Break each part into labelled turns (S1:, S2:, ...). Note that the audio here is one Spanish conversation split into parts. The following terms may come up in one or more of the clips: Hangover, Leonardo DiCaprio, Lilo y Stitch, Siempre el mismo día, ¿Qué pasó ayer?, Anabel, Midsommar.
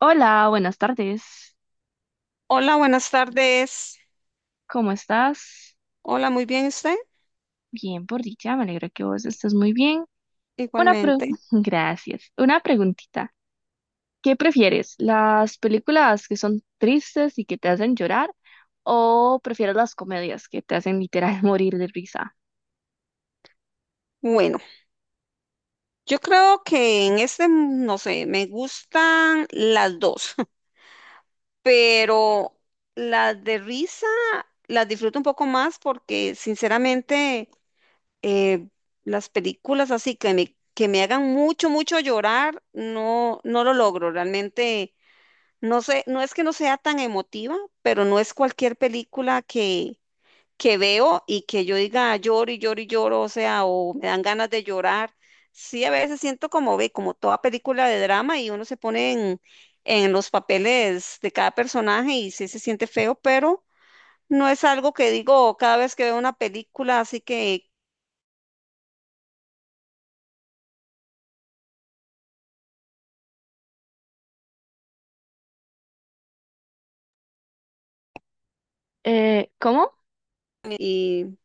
S1: Hola, buenas tardes.
S2: Hola, buenas tardes.
S1: ¿Cómo estás?
S2: Hola, muy bien usted,
S1: Bien, por dicha, me alegra que vos estés muy bien. Una pre-
S2: igualmente.
S1: Gracias. Una preguntita. ¿Qué prefieres? ¿Las películas que son tristes y que te hacen llorar o prefieres las comedias que te hacen literal morir de risa?
S2: Bueno, yo creo que en este, no sé, me gustan las dos, pero las de risa las disfruto un poco más porque sinceramente eh, las películas así que me hagan mucho, mucho llorar, no, no lo logro. Realmente, no sé, no es que no sea tan emotiva, pero no es cualquier película que veo y que yo diga "Ah, lloro y lloro y lloro, o sea, o me dan ganas de llorar." Sí, a veces siento como ve, como toda película de drama y uno se pone en, los papeles de cada personaje y sí se siente feo, pero no es algo que digo cada vez que veo una película, así que,
S1: ¿Cómo?
S2: y,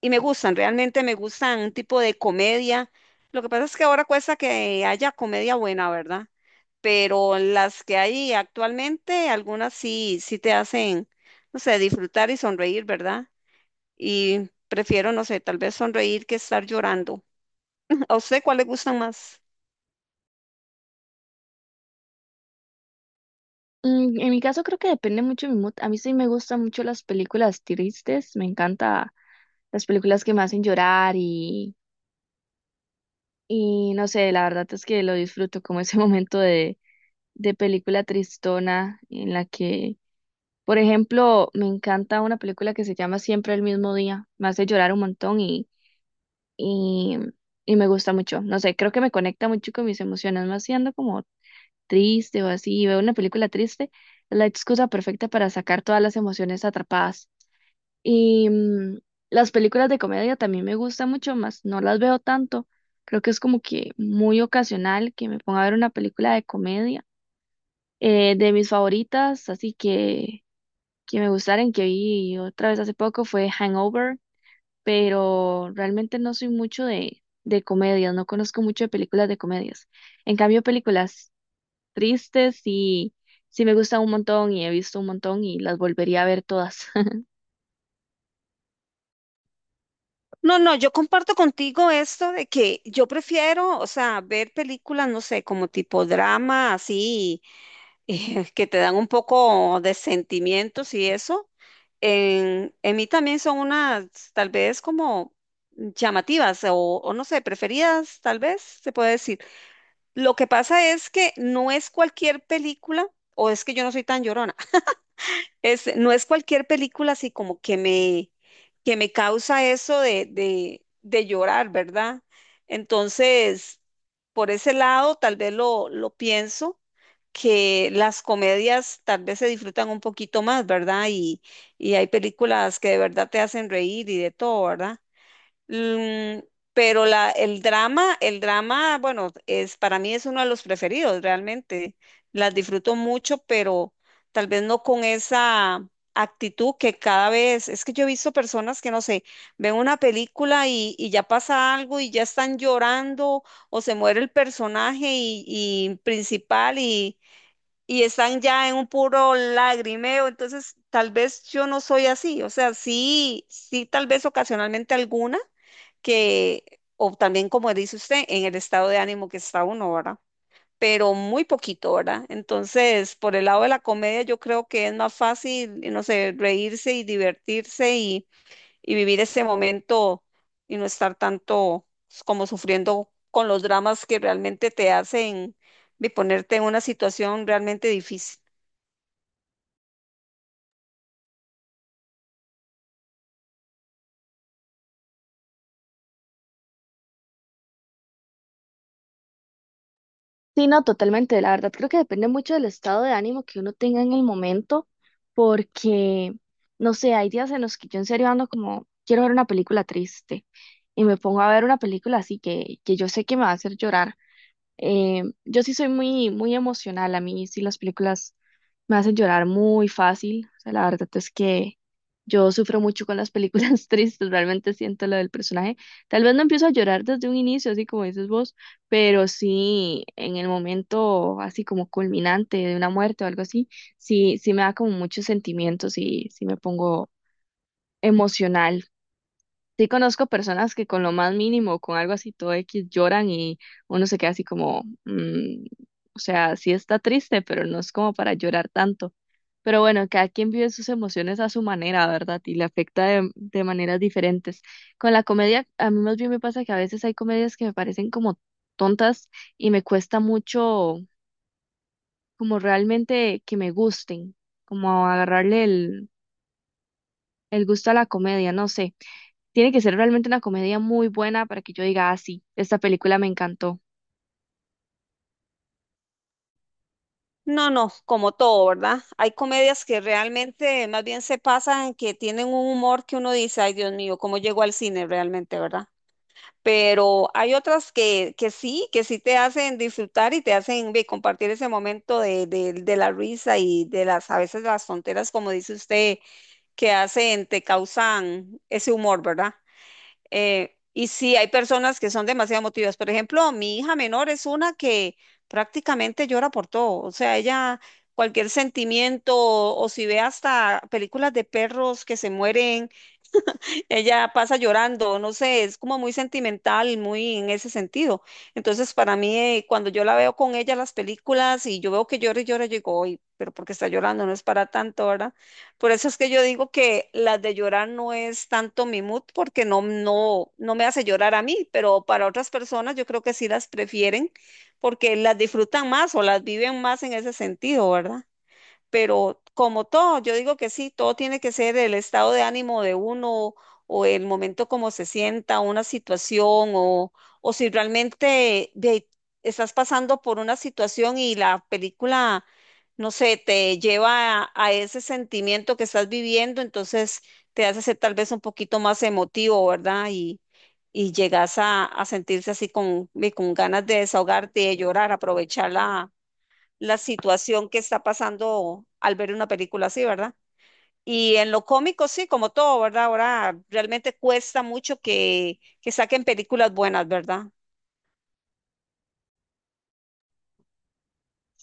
S2: y me gustan, realmente me gustan un tipo de comedia. Lo que pasa es que ahora cuesta que haya comedia buena, ¿verdad? Pero las que hay actualmente, algunas sí, sí te hacen, no sé, disfrutar y sonreír, ¿verdad? Y prefiero, no sé, tal vez sonreír que estar llorando. ¿A usted cuál le gustan más?
S1: En mi caso creo que depende mucho de mi mood. A mí sí me gustan mucho las películas tristes, me encanta las películas que me hacen llorar y no sé, la verdad es que lo disfruto como ese momento de película tristona en la que, por ejemplo, me encanta una película que se llama Siempre el mismo día, me hace llorar un montón y, y me gusta mucho. No sé, creo que me conecta mucho con mis emociones, más siendo como triste o así, y veo una película triste, es la excusa perfecta para sacar todas las emociones atrapadas. Y mm, las películas de comedia también me gustan mucho más, no las veo tanto. Creo que es como que muy ocasional que me ponga a ver una película de comedia. De mis favoritas, así que me gustaron, que vi otra vez hace poco, fue Hangover, pero realmente no soy mucho de comedias, no conozco mucho de películas de comedias. En cambio, películas tristes y sí me gustan un montón y he visto un montón y las volvería a ver todas.
S2: No, no, yo comparto contigo esto de que yo prefiero, o sea, ver películas, no sé, como tipo drama, así, que te dan un poco de sentimientos y eso. En, mí también son unas, tal vez como llamativas o no sé, preferidas, tal vez se puede decir. Lo que pasa es que no es cualquier película o es que yo no soy tan llorona. No es cualquier película así como que me, causa eso de llorar, ¿verdad? Entonces, por ese lado, tal vez lo pienso, que las comedias tal vez se disfrutan un poquito más, ¿verdad? y hay películas que de verdad te hacen reír y de todo, ¿verdad? Mm, pero la, el drama, bueno, es para mí es uno de los preferidos, realmente. Las disfruto mucho, pero tal vez no con esa actitud que cada vez, es que yo he visto personas que, no sé, ven una película y, ya pasa algo y ya están llorando o se muere el personaje y, principal y están ya en un puro lagrimeo, entonces tal vez yo no soy así, o sea, sí, sí, tal vez ocasionalmente alguna que, o también como dice usted, en el estado de ánimo que está uno, ¿verdad? Pero muy poquito, ¿verdad? Entonces, por el lado de la comedia, yo creo que es más fácil, no sé, reírse y divertirse y vivir ese momento y no estar tanto como sufriendo con los dramas que realmente te hacen de ponerte en una situación realmente difícil.
S1: Sí, no, totalmente. La verdad creo que depende mucho del estado de ánimo que uno tenga en el momento, porque, no sé, hay días en los que yo en serio ando como, quiero ver una película triste y me pongo a ver una película así que yo sé que me va a hacer llorar. Yo sí soy muy, muy emocional, a mí sí las películas me hacen llorar muy fácil. O sea, la verdad es que yo sufro mucho con las películas tristes, realmente siento lo del personaje. Tal vez no empiezo a llorar desde un inicio, así como dices vos, pero sí en el momento así como culminante de una muerte o algo así, sí, sí me da como muchos sentimientos y sí me pongo emocional. Sí conozco personas que con lo más mínimo, con algo así todo X, lloran y uno se queda así como, mm, o sea, sí está triste, pero no es como para llorar tanto. Pero bueno, cada quien vive sus emociones a su manera, ¿verdad? Y le afecta de maneras diferentes. Con la comedia, a mí más bien me pasa que a veces hay comedias que me parecen como tontas y me cuesta mucho como realmente que me gusten, como agarrarle el gusto a la comedia, no sé. Tiene que ser realmente una comedia muy buena para que yo diga, ah, sí, esta película me encantó.
S2: No, no, como todo, ¿verdad? Hay comedias que realmente más bien se pasan, que tienen un humor que uno dice, ay, Dios mío, ¿cómo llegó al cine realmente, ¿verdad? Pero hay otras que sí, que sí te hacen disfrutar y te hacen compartir ese momento de la risa y de las, a veces las tonteras, como dice usted, que hacen, te causan ese humor, ¿verdad? Y sí, hay personas que son demasiado emotivas. Por ejemplo, mi hija menor es una que prácticamente llora por todo. O sea, ella, cualquier sentimiento, o si ve hasta películas de perros que se mueren, ella pasa llorando, no sé, es como muy sentimental, muy en ese sentido. Entonces, para mí, cuando yo la veo con ella las películas y yo veo que llora y llora, yo digo, "Uy, pero porque está llorando, no es para tanto, ¿verdad? Por eso es que yo digo que las de llorar no es tanto mi mood, porque no, no, no me hace llorar a mí, pero para otras personas yo creo que sí las prefieren porque las disfrutan más o las viven más en ese sentido, ¿verdad? Pero como todo, yo digo que sí, todo tiene que ser el estado de ánimo de uno o el momento como se sienta, una situación o, si realmente estás pasando por una situación y la película, no sé, te lleva a ese sentimiento que estás viviendo, entonces te hace ser tal vez un poquito más emotivo, ¿verdad? y, llegas a sentirse así con ganas de desahogarte, de llorar, aprovecharla la situación que está pasando al ver una película así, ¿verdad? Y en lo cómico, sí, como todo, ¿verdad? Ahora realmente cuesta mucho que saquen películas buenas, ¿verdad?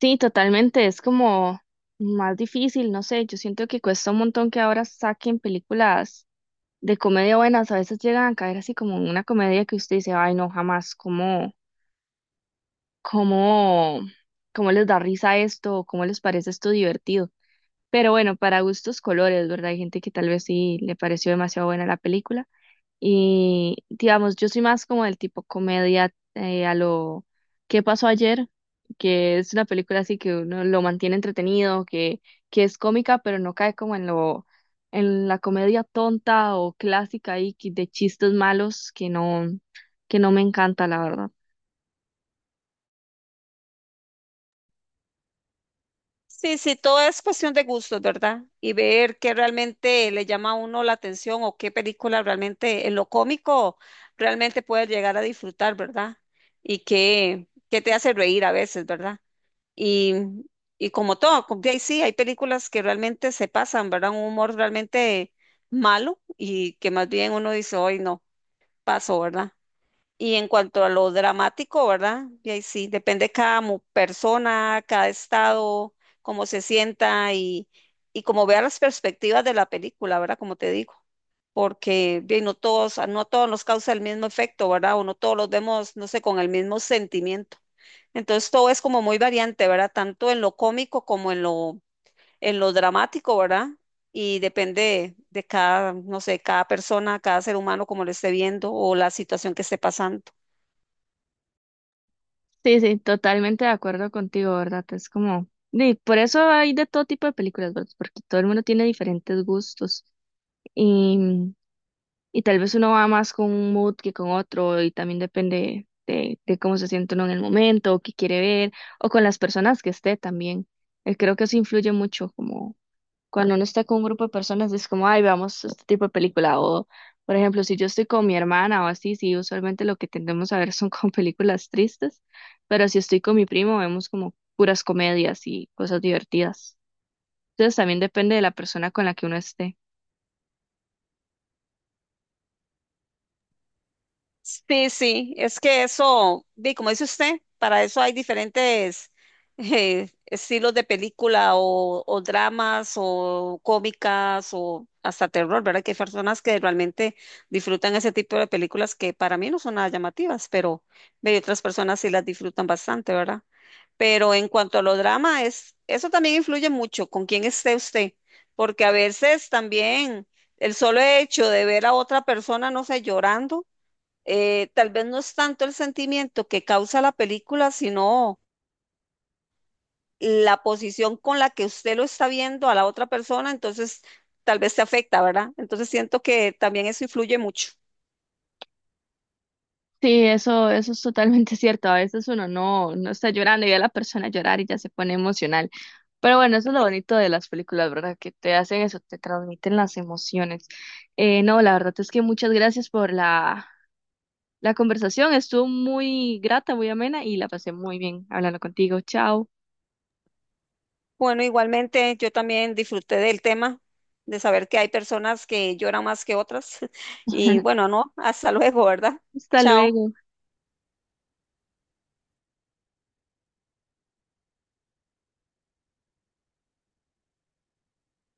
S1: Sí, totalmente, es como más difícil, no sé, yo siento que cuesta un montón que ahora saquen películas de comedia buenas, a veces llegan a caer así como en una comedia que usted dice, ay, no, jamás, cómo, ¿cómo les da risa esto? ¿O ¿Cómo les parece esto divertido? Pero bueno, para gustos colores, ¿verdad? Hay gente que tal vez sí le pareció demasiado buena la película. Y digamos, yo soy más como del tipo comedia a lo ¿Qué pasó ayer? Que es una película así que uno lo mantiene entretenido, que es cómica, pero no cae como en lo, en la comedia tonta o clásica de chistes malos que no me encanta, la verdad.
S2: Sí, sí, todo es cuestión de gustos, ¿verdad? Y ver qué realmente le llama a uno la atención o qué película realmente en lo cómico realmente puedes llegar a disfrutar, ¿verdad? Y qué, te hace reír a veces, ¿verdad? Y, y como todo, como de ahí sí, hay películas que realmente se pasan, ¿verdad? Un humor realmente malo y que más bien uno dice, hoy no, paso, ¿verdad? Y en cuanto a lo dramático, ¿verdad? Y ahí sí, depende cada persona, cada estado, cómo se sienta y cómo vea las perspectivas de la película, ¿verdad? Como te digo, porque bien, no a todos nos causa el mismo efecto, ¿verdad? O no todos los vemos, no sé, con el mismo sentimiento. Entonces todo es como muy variante, ¿verdad? Tanto en lo cómico como en lo, dramático, ¿verdad? Y depende de cada, no sé, cada persona, cada ser humano, como lo esté viendo o la situación que esté pasando.
S1: Sí, sí, totalmente de acuerdo contigo, ¿verdad? Es como, y por eso hay de todo tipo de películas, ¿verdad? Porque todo el mundo tiene diferentes gustos. Y tal vez uno va más con un mood que con otro y también depende de cómo se siente uno en el momento o qué quiere ver o con las personas que esté también. Creo que eso influye mucho, como cuando uno está con un grupo de personas es como, ay, veamos este tipo de película o, por ejemplo, si yo estoy con mi hermana o así, sí, usualmente lo que tendemos a ver son con películas tristes, pero si estoy con mi primo vemos como puras comedias y cosas divertidas. Entonces también depende de la persona con la que uno esté.
S2: Sí, sí, es que eso, como dice usted, para eso hay diferentes estilos de película o dramas o cómicas o hasta terror, ¿verdad? Que hay personas que realmente disfrutan ese tipo de películas que para mí no son nada llamativas, pero otras personas sí las disfrutan bastante, ¿verdad? Pero en cuanto a los dramas, eso también influye mucho con quién esté usted, porque a veces también el solo hecho de ver a otra persona, no sé, llorando, tal vez no es tanto el sentimiento que causa la película, sino la posición con la que usted lo está viendo a la otra persona, entonces tal vez te afecta, ¿verdad? Entonces siento que también eso influye mucho.
S1: Eso es totalmente cierto. A veces uno no está llorando y ve a la persona llorar y ya se pone emocional. Pero bueno, eso es lo bonito de las películas, ¿verdad? Que te hacen eso, te transmiten las emociones. No, la verdad es que muchas gracias por la conversación. Estuvo muy grata, muy amena y la pasé muy bien hablando contigo. Chao.
S2: Bueno, igualmente yo también disfruté del tema, de saber que hay personas que lloran más que otras. Y bueno, no, hasta luego, ¿verdad?
S1: Hasta
S2: Chao.
S1: luego.